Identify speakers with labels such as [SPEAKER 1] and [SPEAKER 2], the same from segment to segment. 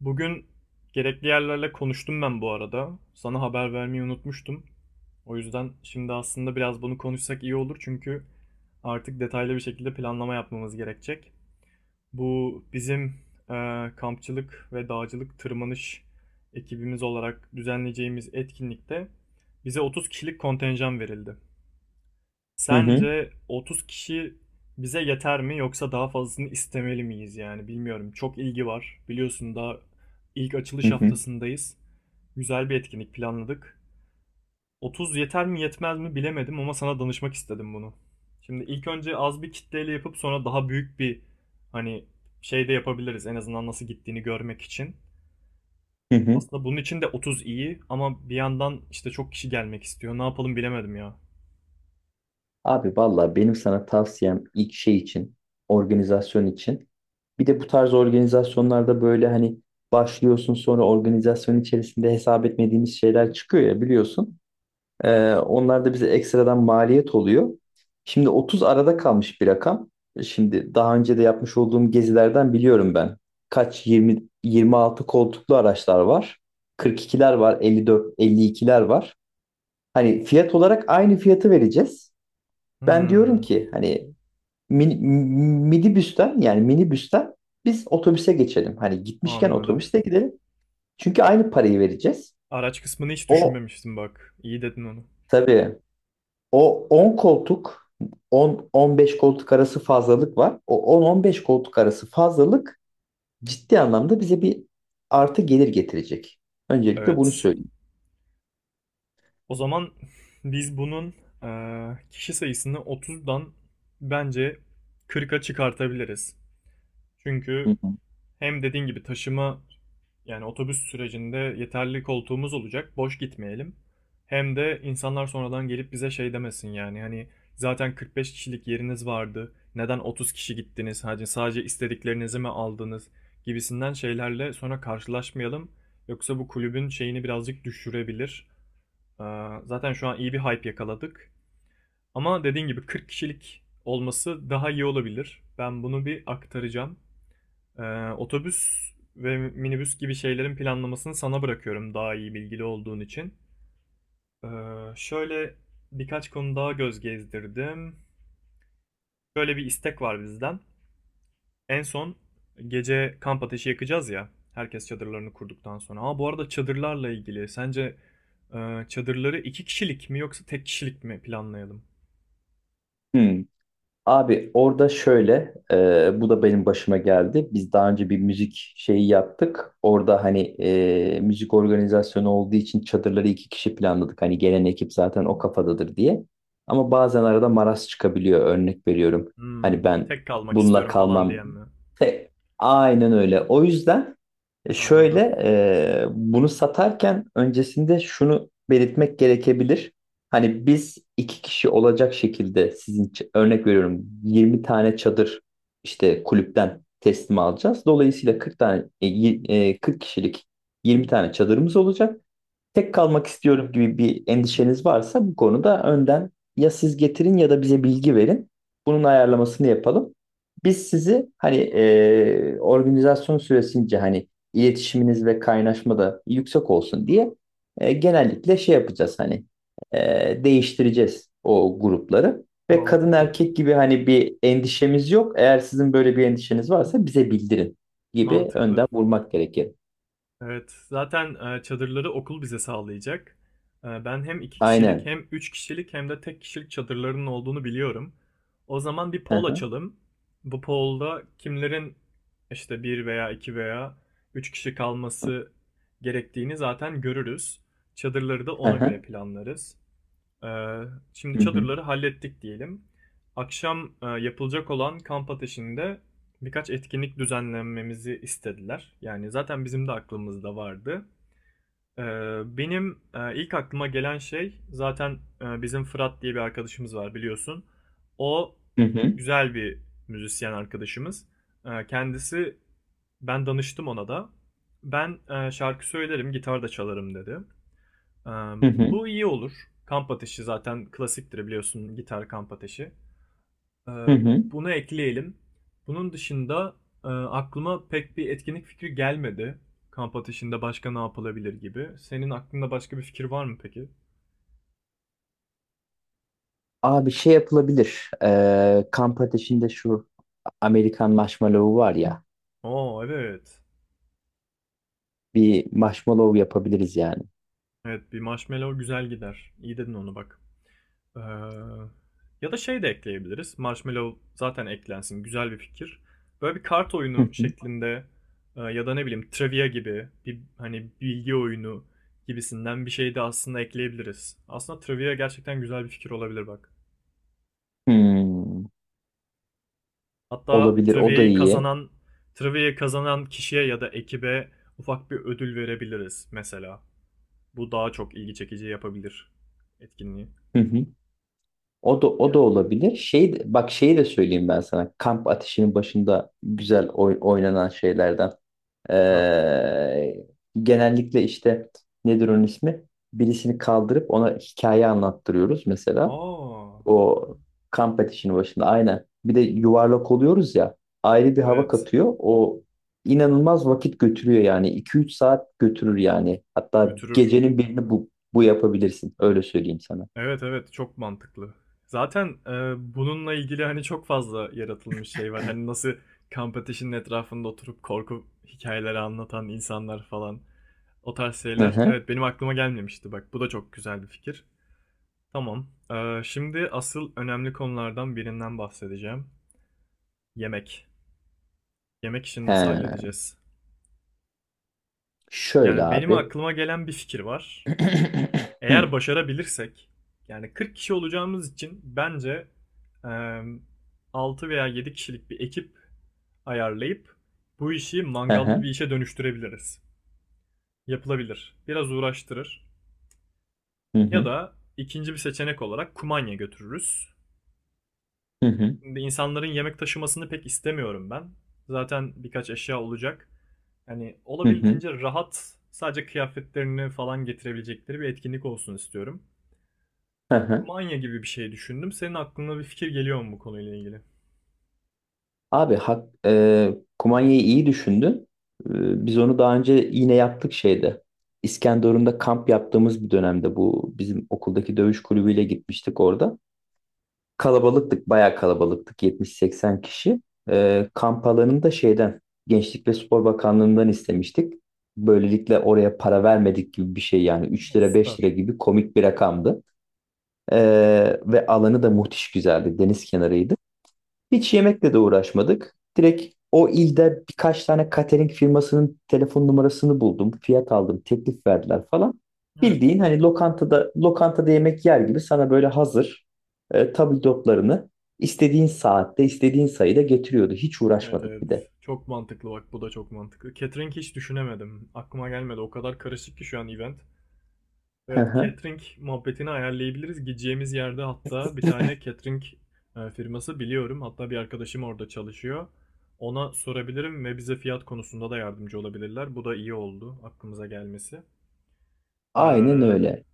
[SPEAKER 1] Bugün gerekli yerlerle konuştum ben bu arada. Sana haber vermeyi unutmuştum. O yüzden şimdi aslında biraz bunu konuşsak iyi olur çünkü artık detaylı bir şekilde planlama yapmamız gerekecek. Bu bizim kampçılık ve dağcılık tırmanış ekibimiz olarak düzenleyeceğimiz etkinlikte bize 30 kişilik kontenjan verildi.
[SPEAKER 2] Hı hı,
[SPEAKER 1] Sence 30 kişi bize yeter mi yoksa daha fazlasını istemeli miyiz yani bilmiyorum. Çok ilgi var. Biliyorsun daha ilk
[SPEAKER 2] hı
[SPEAKER 1] açılış
[SPEAKER 2] hı,
[SPEAKER 1] haftasındayız. Güzel bir etkinlik planladık. 30 yeter mi yetmez mi bilemedim ama sana danışmak istedim bunu. Şimdi ilk önce az bir kitleyle yapıp sonra daha büyük bir hani şey de yapabiliriz en azından nasıl gittiğini görmek için.
[SPEAKER 2] hı hı.
[SPEAKER 1] Aslında bunun için de 30 iyi ama bir yandan işte çok kişi gelmek istiyor. Ne yapalım bilemedim ya.
[SPEAKER 2] Abi valla benim sana tavsiyem ilk şey için, organizasyon için. Bir de bu tarz organizasyonlarda böyle hani başlıyorsun, sonra organizasyon içerisinde hesap etmediğimiz şeyler çıkıyor ya, biliyorsun.
[SPEAKER 1] Evet.
[SPEAKER 2] Onlar da bize ekstradan maliyet oluyor. Şimdi 30 arada kalmış bir rakam. Şimdi daha önce de yapmış olduğum gezilerden biliyorum ben. Kaç, 20, 26 koltuklu araçlar var. 42'ler var, 54, 52'ler var. Hani fiyat olarak aynı fiyatı vereceğiz. Ben diyorum
[SPEAKER 1] Hmm,
[SPEAKER 2] ki, hani, mini, minibüsten, yani minibüsten biz otobüse geçelim. Hani gitmişken
[SPEAKER 1] anladım.
[SPEAKER 2] otobüste gidelim. Çünkü aynı parayı vereceğiz.
[SPEAKER 1] Araç kısmını hiç
[SPEAKER 2] O
[SPEAKER 1] düşünmemiştim bak. İyi dedin onu.
[SPEAKER 2] tabii. o 10 koltuk 10-15 koltuk arası fazlalık var. O 10-15 koltuk arası fazlalık ciddi anlamda bize bir artı gelir getirecek. Öncelikle bunu
[SPEAKER 1] Evet.
[SPEAKER 2] söyleyeyim.
[SPEAKER 1] O zaman biz bunun kişi sayısını 30'dan bence 40'a çıkartabiliriz. Çünkü
[SPEAKER 2] Hı hı.
[SPEAKER 1] hem dediğin gibi taşıma, yani otobüs sürecinde yeterli koltuğumuz olacak, boş gitmeyelim. Hem de insanlar sonradan gelip bize şey demesin yani hani zaten 45 kişilik yeriniz vardı. Neden 30 kişi gittiniz? Hani sadece istediklerinizi mi aldınız? Gibisinden şeylerle sonra karşılaşmayalım. Yoksa bu kulübün şeyini birazcık düşürebilir. Ee, Zaten şu an iyi bir hype yakaladık. Ama dediğin gibi 40 kişilik olması daha iyi olabilir. Ben bunu bir aktaracağım. Ee, Otobüs ve minibüs gibi şeylerin planlamasını sana bırakıyorum daha iyi bilgili olduğun için. Ee, Şöyle birkaç konu daha göz gezdirdim. Şöyle bir istek var bizden. En son gece kamp ateşi yakacağız ya. Herkes çadırlarını kurduktan sonra. Ha bu arada çadırlarla ilgili sence çadırları iki kişilik mi yoksa tek kişilik mi planlayalım?
[SPEAKER 2] Hı. Abi orada şöyle, bu da benim başıma geldi. Biz daha önce bir müzik şeyi yaptık. Orada hani, müzik organizasyonu olduğu için çadırları iki kişi planladık. Hani gelen ekip zaten o kafadadır diye. Ama bazen arada maraz çıkabiliyor. Örnek veriyorum. Hani,
[SPEAKER 1] Hmm,
[SPEAKER 2] ben
[SPEAKER 1] tek kalmak
[SPEAKER 2] bununla
[SPEAKER 1] istiyorum falan
[SPEAKER 2] kalmam.
[SPEAKER 1] diyen mi?
[SPEAKER 2] Aynen öyle. O yüzden. Şöyle,
[SPEAKER 1] Anladım.
[SPEAKER 2] bunu satarken öncesinde şunu belirtmek gerekebilir. Hani biz iki kişi olacak şekilde sizin örnek veriyorum, 20 tane çadır işte kulüpten teslim alacağız. Dolayısıyla 40 tane, 40 kişilik 20 tane çadırımız olacak. Tek kalmak istiyorum gibi bir endişeniz varsa bu konuda önden ya siz getirin ya da bize bilgi verin. Bunun ayarlamasını yapalım. Biz sizi hani, organizasyon süresince hani iletişiminiz ve kaynaşma da yüksek olsun diye, genellikle şey yapacağız, hani, değiştireceğiz o grupları. Ve kadın
[SPEAKER 1] Mantıklı.
[SPEAKER 2] erkek gibi hani bir endişemiz yok. Eğer sizin böyle bir endişeniz varsa bize bildirin gibi
[SPEAKER 1] Mantıklı.
[SPEAKER 2] önden vurmak gerekir.
[SPEAKER 1] Evet, zaten çadırları okul bize sağlayacak. E, ben hem iki kişilik
[SPEAKER 2] Aynen.
[SPEAKER 1] hem üç kişilik hem de tek kişilik çadırlarının olduğunu biliyorum. O zaman bir
[SPEAKER 2] Hı
[SPEAKER 1] poll
[SPEAKER 2] hı.
[SPEAKER 1] açalım. Bu poll'da kimlerin işte bir veya iki veya üç kişi kalması gerektiğini zaten görürüz. Çadırları da
[SPEAKER 2] Hı
[SPEAKER 1] ona göre
[SPEAKER 2] hı.
[SPEAKER 1] planlarız. Ee, Şimdi
[SPEAKER 2] Hı hı.
[SPEAKER 1] çadırları hallettik diyelim. Akşam yapılacak olan kamp ateşinde birkaç etkinlik düzenlememizi istediler. Yani zaten bizim de aklımızda vardı. Ee, Benim ilk aklıma gelen şey zaten bizim Fırat diye bir arkadaşımız var biliyorsun. O
[SPEAKER 2] Hı hı,
[SPEAKER 1] güzel bir müzisyen arkadaşımız. Kendisi, ben danıştım ona da. Ben şarkı söylerim, gitar da çalarım dedi. Ee,
[SPEAKER 2] hı hı,
[SPEAKER 1] Bu iyi olur. Kamp ateşi zaten klasiktir biliyorsun, gitar kamp ateşi. Ee,
[SPEAKER 2] hı hı.
[SPEAKER 1] Bunu ekleyelim. Bunun dışında aklıma pek bir etkinlik fikri gelmedi. Kamp ateşinde başka ne yapılabilir gibi. Senin aklında başka bir fikir var mı peki?
[SPEAKER 2] Abi şey yapılabilir. Kamp ateşinde şu Amerikan marshmallow var ya.
[SPEAKER 1] Oo, evet.
[SPEAKER 2] Bir marshmallow yapabiliriz yani.
[SPEAKER 1] Evet, bir marshmallow güzel gider. İyi dedin onu bak. Eee, Ya da şey de ekleyebiliriz. Marshmallow zaten eklensin. Güzel bir fikir. Böyle bir kart
[SPEAKER 2] Hı
[SPEAKER 1] oyunu
[SPEAKER 2] hı.
[SPEAKER 1] şeklinde ya da ne bileyim trivia gibi bir hani bilgi oyunu gibisinden bir şey de aslında ekleyebiliriz. Aslında trivia gerçekten güzel bir fikir olabilir bak.
[SPEAKER 2] Hmm,
[SPEAKER 1] Hatta
[SPEAKER 2] olabilir. O da
[SPEAKER 1] trivia'yı
[SPEAKER 2] iyi.
[SPEAKER 1] kazanan trivia'yı kazanan kişiye ya da ekibe ufak bir ödül verebiliriz mesela. Bu daha çok ilgi çekici yapabilir etkinliği.
[SPEAKER 2] Hı hı. O da o da
[SPEAKER 1] Gene-
[SPEAKER 2] olabilir. Şey, bak, şeyi de söyleyeyim ben sana. Kamp ateşinin başında güzel oynanan şeylerden.
[SPEAKER 1] Ha.
[SPEAKER 2] Ee, Genellikle işte, nedir onun ismi? Birisini kaldırıp ona hikaye anlattırıyoruz mesela.
[SPEAKER 1] Aa,
[SPEAKER 2] O kamp ateşinin başında aynen. Bir de yuvarlak oluyoruz ya. Ayrı bir hava
[SPEAKER 1] evet,
[SPEAKER 2] katıyor. O inanılmaz vakit götürüyor yani. 2 3 saat götürür yani. Hatta
[SPEAKER 1] götürür.
[SPEAKER 2] gecenin birini bu yapabilirsin. Öyle söyleyeyim sana.
[SPEAKER 1] Evet, evet, çok mantıklı. Zaten, bununla ilgili, hani, çok fazla yaratılmış şey var. Hani, nasıl kamp ateşinin etrafında oturup korku hikayeleri anlatan insanlar falan, o tarz
[SPEAKER 2] Hı
[SPEAKER 1] şeyler.
[SPEAKER 2] hı.
[SPEAKER 1] Evet, benim aklıma gelmemişti bak. Bu da çok güzel bir fikir. Tamam. Şimdi asıl önemli konulardan birinden bahsedeceğim. Yemek. Yemek işini nasıl
[SPEAKER 2] He.
[SPEAKER 1] halledeceğiz?
[SPEAKER 2] Şöyle
[SPEAKER 1] Yani, benim
[SPEAKER 2] abi.
[SPEAKER 1] aklıma gelen bir fikir var. Eğer başarabilirsek, yani 40 kişi olacağımız için bence eee 6 veya 7 kişilik bir ekip ayarlayıp bu işi
[SPEAKER 2] Hı
[SPEAKER 1] mangallı bir
[SPEAKER 2] hı.
[SPEAKER 1] işe dönüştürebiliriz. Yapılabilir. Biraz uğraştırır.
[SPEAKER 2] Hı
[SPEAKER 1] Ya
[SPEAKER 2] hı.
[SPEAKER 1] da ikinci bir seçenek olarak kumanya götürürüz.
[SPEAKER 2] Hı hı.
[SPEAKER 1] Şimdi insanların yemek taşımasını pek istemiyorum ben. Zaten birkaç eşya olacak. Yani
[SPEAKER 2] Hı hı.
[SPEAKER 1] olabildiğince rahat, sadece kıyafetlerini falan getirebilecekleri bir etkinlik olsun istiyorum.
[SPEAKER 2] Hı hı.
[SPEAKER 1] Kumanya gibi bir şey düşündüm. Senin aklına bir fikir geliyor mu bu konuyla ilgili?
[SPEAKER 2] Abi, kumanyayı iyi düşündün. Biz onu daha önce yine yaptık şeyde. İskenderun'da kamp yaptığımız bir dönemde bu bizim okuldaki dövüş kulübüyle gitmiştik orada. Kalabalıktık, bayağı kalabalıktık. 70-80 kişi. Kamp alanını da şeyden, Gençlik ve Spor Bakanlığı'ndan istemiştik. Böylelikle oraya para vermedik gibi bir şey, yani 3
[SPEAKER 1] O
[SPEAKER 2] lira 5 lira
[SPEAKER 1] süper.
[SPEAKER 2] gibi komik bir rakamdı. E, Ve alanı da muhtiş güzeldi. Deniz kenarıydı. Hiç yemekle de uğraşmadık. Direkt o ilde birkaç tane catering firmasının telefon numarasını buldum. Fiyat aldım, teklif verdiler falan.
[SPEAKER 1] Evet.
[SPEAKER 2] Bildiğin hani lokantada yemek yer gibi, sana böyle hazır, tabldotlarını istediğin saatte, istediğin sayıda getiriyordu. Hiç
[SPEAKER 1] Evet,
[SPEAKER 2] uğraşmadık
[SPEAKER 1] evet.
[SPEAKER 2] bir de.
[SPEAKER 1] Çok mantıklı bak, bu da çok mantıklı. Catering hiç düşünemedim. Aklıma gelmedi. O kadar karışık ki şu an event. Evet, catering muhabbetini ayarlayabiliriz. Gideceğimiz yerde hatta bir tane catering firması biliyorum. Hatta bir arkadaşım orada çalışıyor. Ona sorabilirim ve bize fiyat konusunda da yardımcı olabilirler. Bu da iyi oldu aklımıza gelmesi.
[SPEAKER 2] Aynen
[SPEAKER 1] Ee,
[SPEAKER 2] öyle.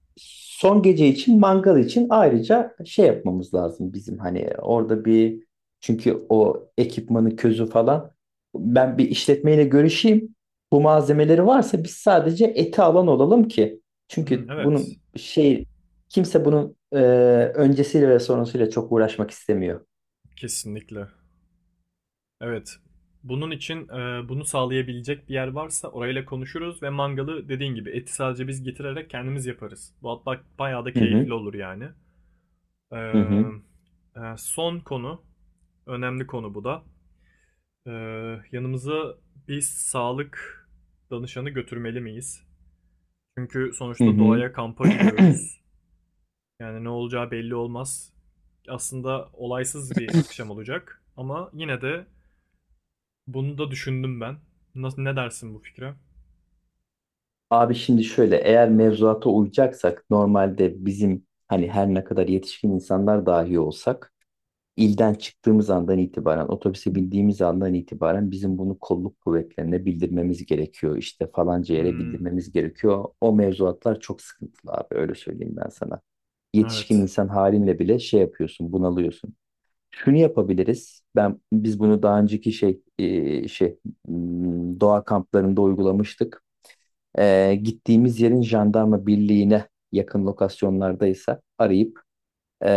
[SPEAKER 2] Son gece için mangal için ayrıca şey yapmamız lazım bizim, hani orada bir, çünkü o ekipmanı, közü falan, ben bir işletmeyle görüşeyim. Bu malzemeleri varsa biz sadece eti alan olalım ki.
[SPEAKER 1] Hımm,
[SPEAKER 2] Çünkü
[SPEAKER 1] evet.
[SPEAKER 2] bunun şey, kimse bunun, öncesiyle ve sonrasıyla çok uğraşmak istemiyor.
[SPEAKER 1] Kesinlikle. Evet. Bunun için, bunu sağlayabilecek bir yer varsa orayla konuşuruz ve mangalı dediğin gibi eti sadece biz getirerek kendimiz yaparız. Bu hatta bayağı da
[SPEAKER 2] Hı
[SPEAKER 1] keyifli
[SPEAKER 2] hı,
[SPEAKER 1] olur yani.
[SPEAKER 2] hı hı,
[SPEAKER 1] Emm, son konu, önemli konu bu da. Yanımıza bir sağlık danışanı götürmeli miyiz? Çünkü
[SPEAKER 2] hı.
[SPEAKER 1] sonuçta
[SPEAKER 2] Hı.
[SPEAKER 1] doğaya kampa gidiyoruz. Yani ne olacağı belli olmaz. Aslında olaysız bir akşam olacak ama yine de bunu da düşündüm ben. Nasıl, ne dersin bu fikre?
[SPEAKER 2] Abi şimdi şöyle, eğer mevzuata uyacaksak normalde bizim hani her ne kadar yetişkin insanlar dahi olsak, ilden çıktığımız andan itibaren, otobüse bindiğimiz andan itibaren bizim bunu kolluk kuvvetlerine bildirmemiz gerekiyor. İşte falanca yere
[SPEAKER 1] Hmm,
[SPEAKER 2] bildirmemiz gerekiyor. O mevzuatlar çok sıkıntılı abi, öyle söyleyeyim ben sana. Yetişkin
[SPEAKER 1] evet.
[SPEAKER 2] insan halinle bile şey yapıyorsun, bunalıyorsun. Şunu yapabiliriz. Ben, biz bunu daha önceki şey, şey, doğa kamplarında uygulamıştık. Gittiğimiz yerin jandarma birliğine yakın lokasyonlardaysa arayıp,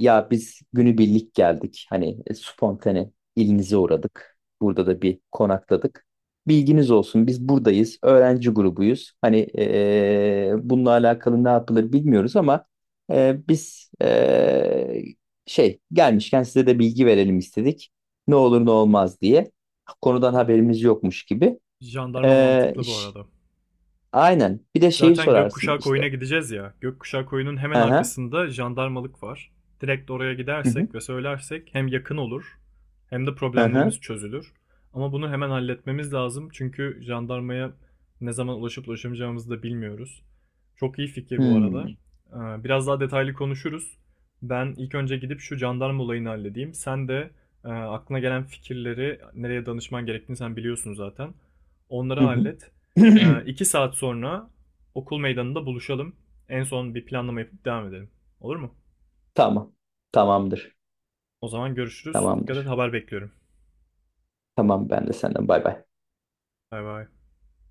[SPEAKER 2] ya biz günübirlik geldik. Hani, spontane ilinize uğradık. Burada da bir konakladık. Bilginiz olsun biz buradayız. Öğrenci grubuyuz. Hani, bununla alakalı ne yapılır bilmiyoruz ama biz, şey gelmişken size de bilgi verelim istedik. Ne olur ne olmaz diye. Konudan haberimiz yokmuş gibi.
[SPEAKER 1] Jandarma
[SPEAKER 2] Ee,
[SPEAKER 1] mantıklı bu arada.
[SPEAKER 2] Aynen. Bir de şeyi
[SPEAKER 1] Zaten
[SPEAKER 2] sorarsın
[SPEAKER 1] Gökkuşağı Koyu'na
[SPEAKER 2] işte.
[SPEAKER 1] gideceğiz ya. Gökkuşağı Koyu'nun hemen
[SPEAKER 2] Hı hı.
[SPEAKER 1] arkasında jandarmalık var. Direkt oraya
[SPEAKER 2] Hı hı.
[SPEAKER 1] gidersek ve söylersek hem yakın olur hem de
[SPEAKER 2] Hı hı.
[SPEAKER 1] problemlerimiz çözülür. Ama bunu hemen halletmemiz lazım çünkü jandarmaya ne zaman ulaşıp ulaşamayacağımızı da bilmiyoruz. Çok iyi fikir bu arada.
[SPEAKER 2] Hmm.
[SPEAKER 1] Biraz daha detaylı konuşuruz. Ben ilk önce gidip şu jandarma olayını halledeyim. Sen de aklına gelen fikirleri nereye danışman gerektiğini sen biliyorsun zaten. Onları
[SPEAKER 2] Hı hı.
[SPEAKER 1] hallet. İki saat sonra okul meydanında buluşalım. En son bir planlama yapıp devam edelim. Olur mu?
[SPEAKER 2] Tamam. Tamamdır.
[SPEAKER 1] O zaman görüşürüz. Dikkat et,
[SPEAKER 2] Tamamdır.
[SPEAKER 1] haber bekliyorum.
[SPEAKER 2] Tamam, ben de senden. Bay bay.
[SPEAKER 1] Bay bay.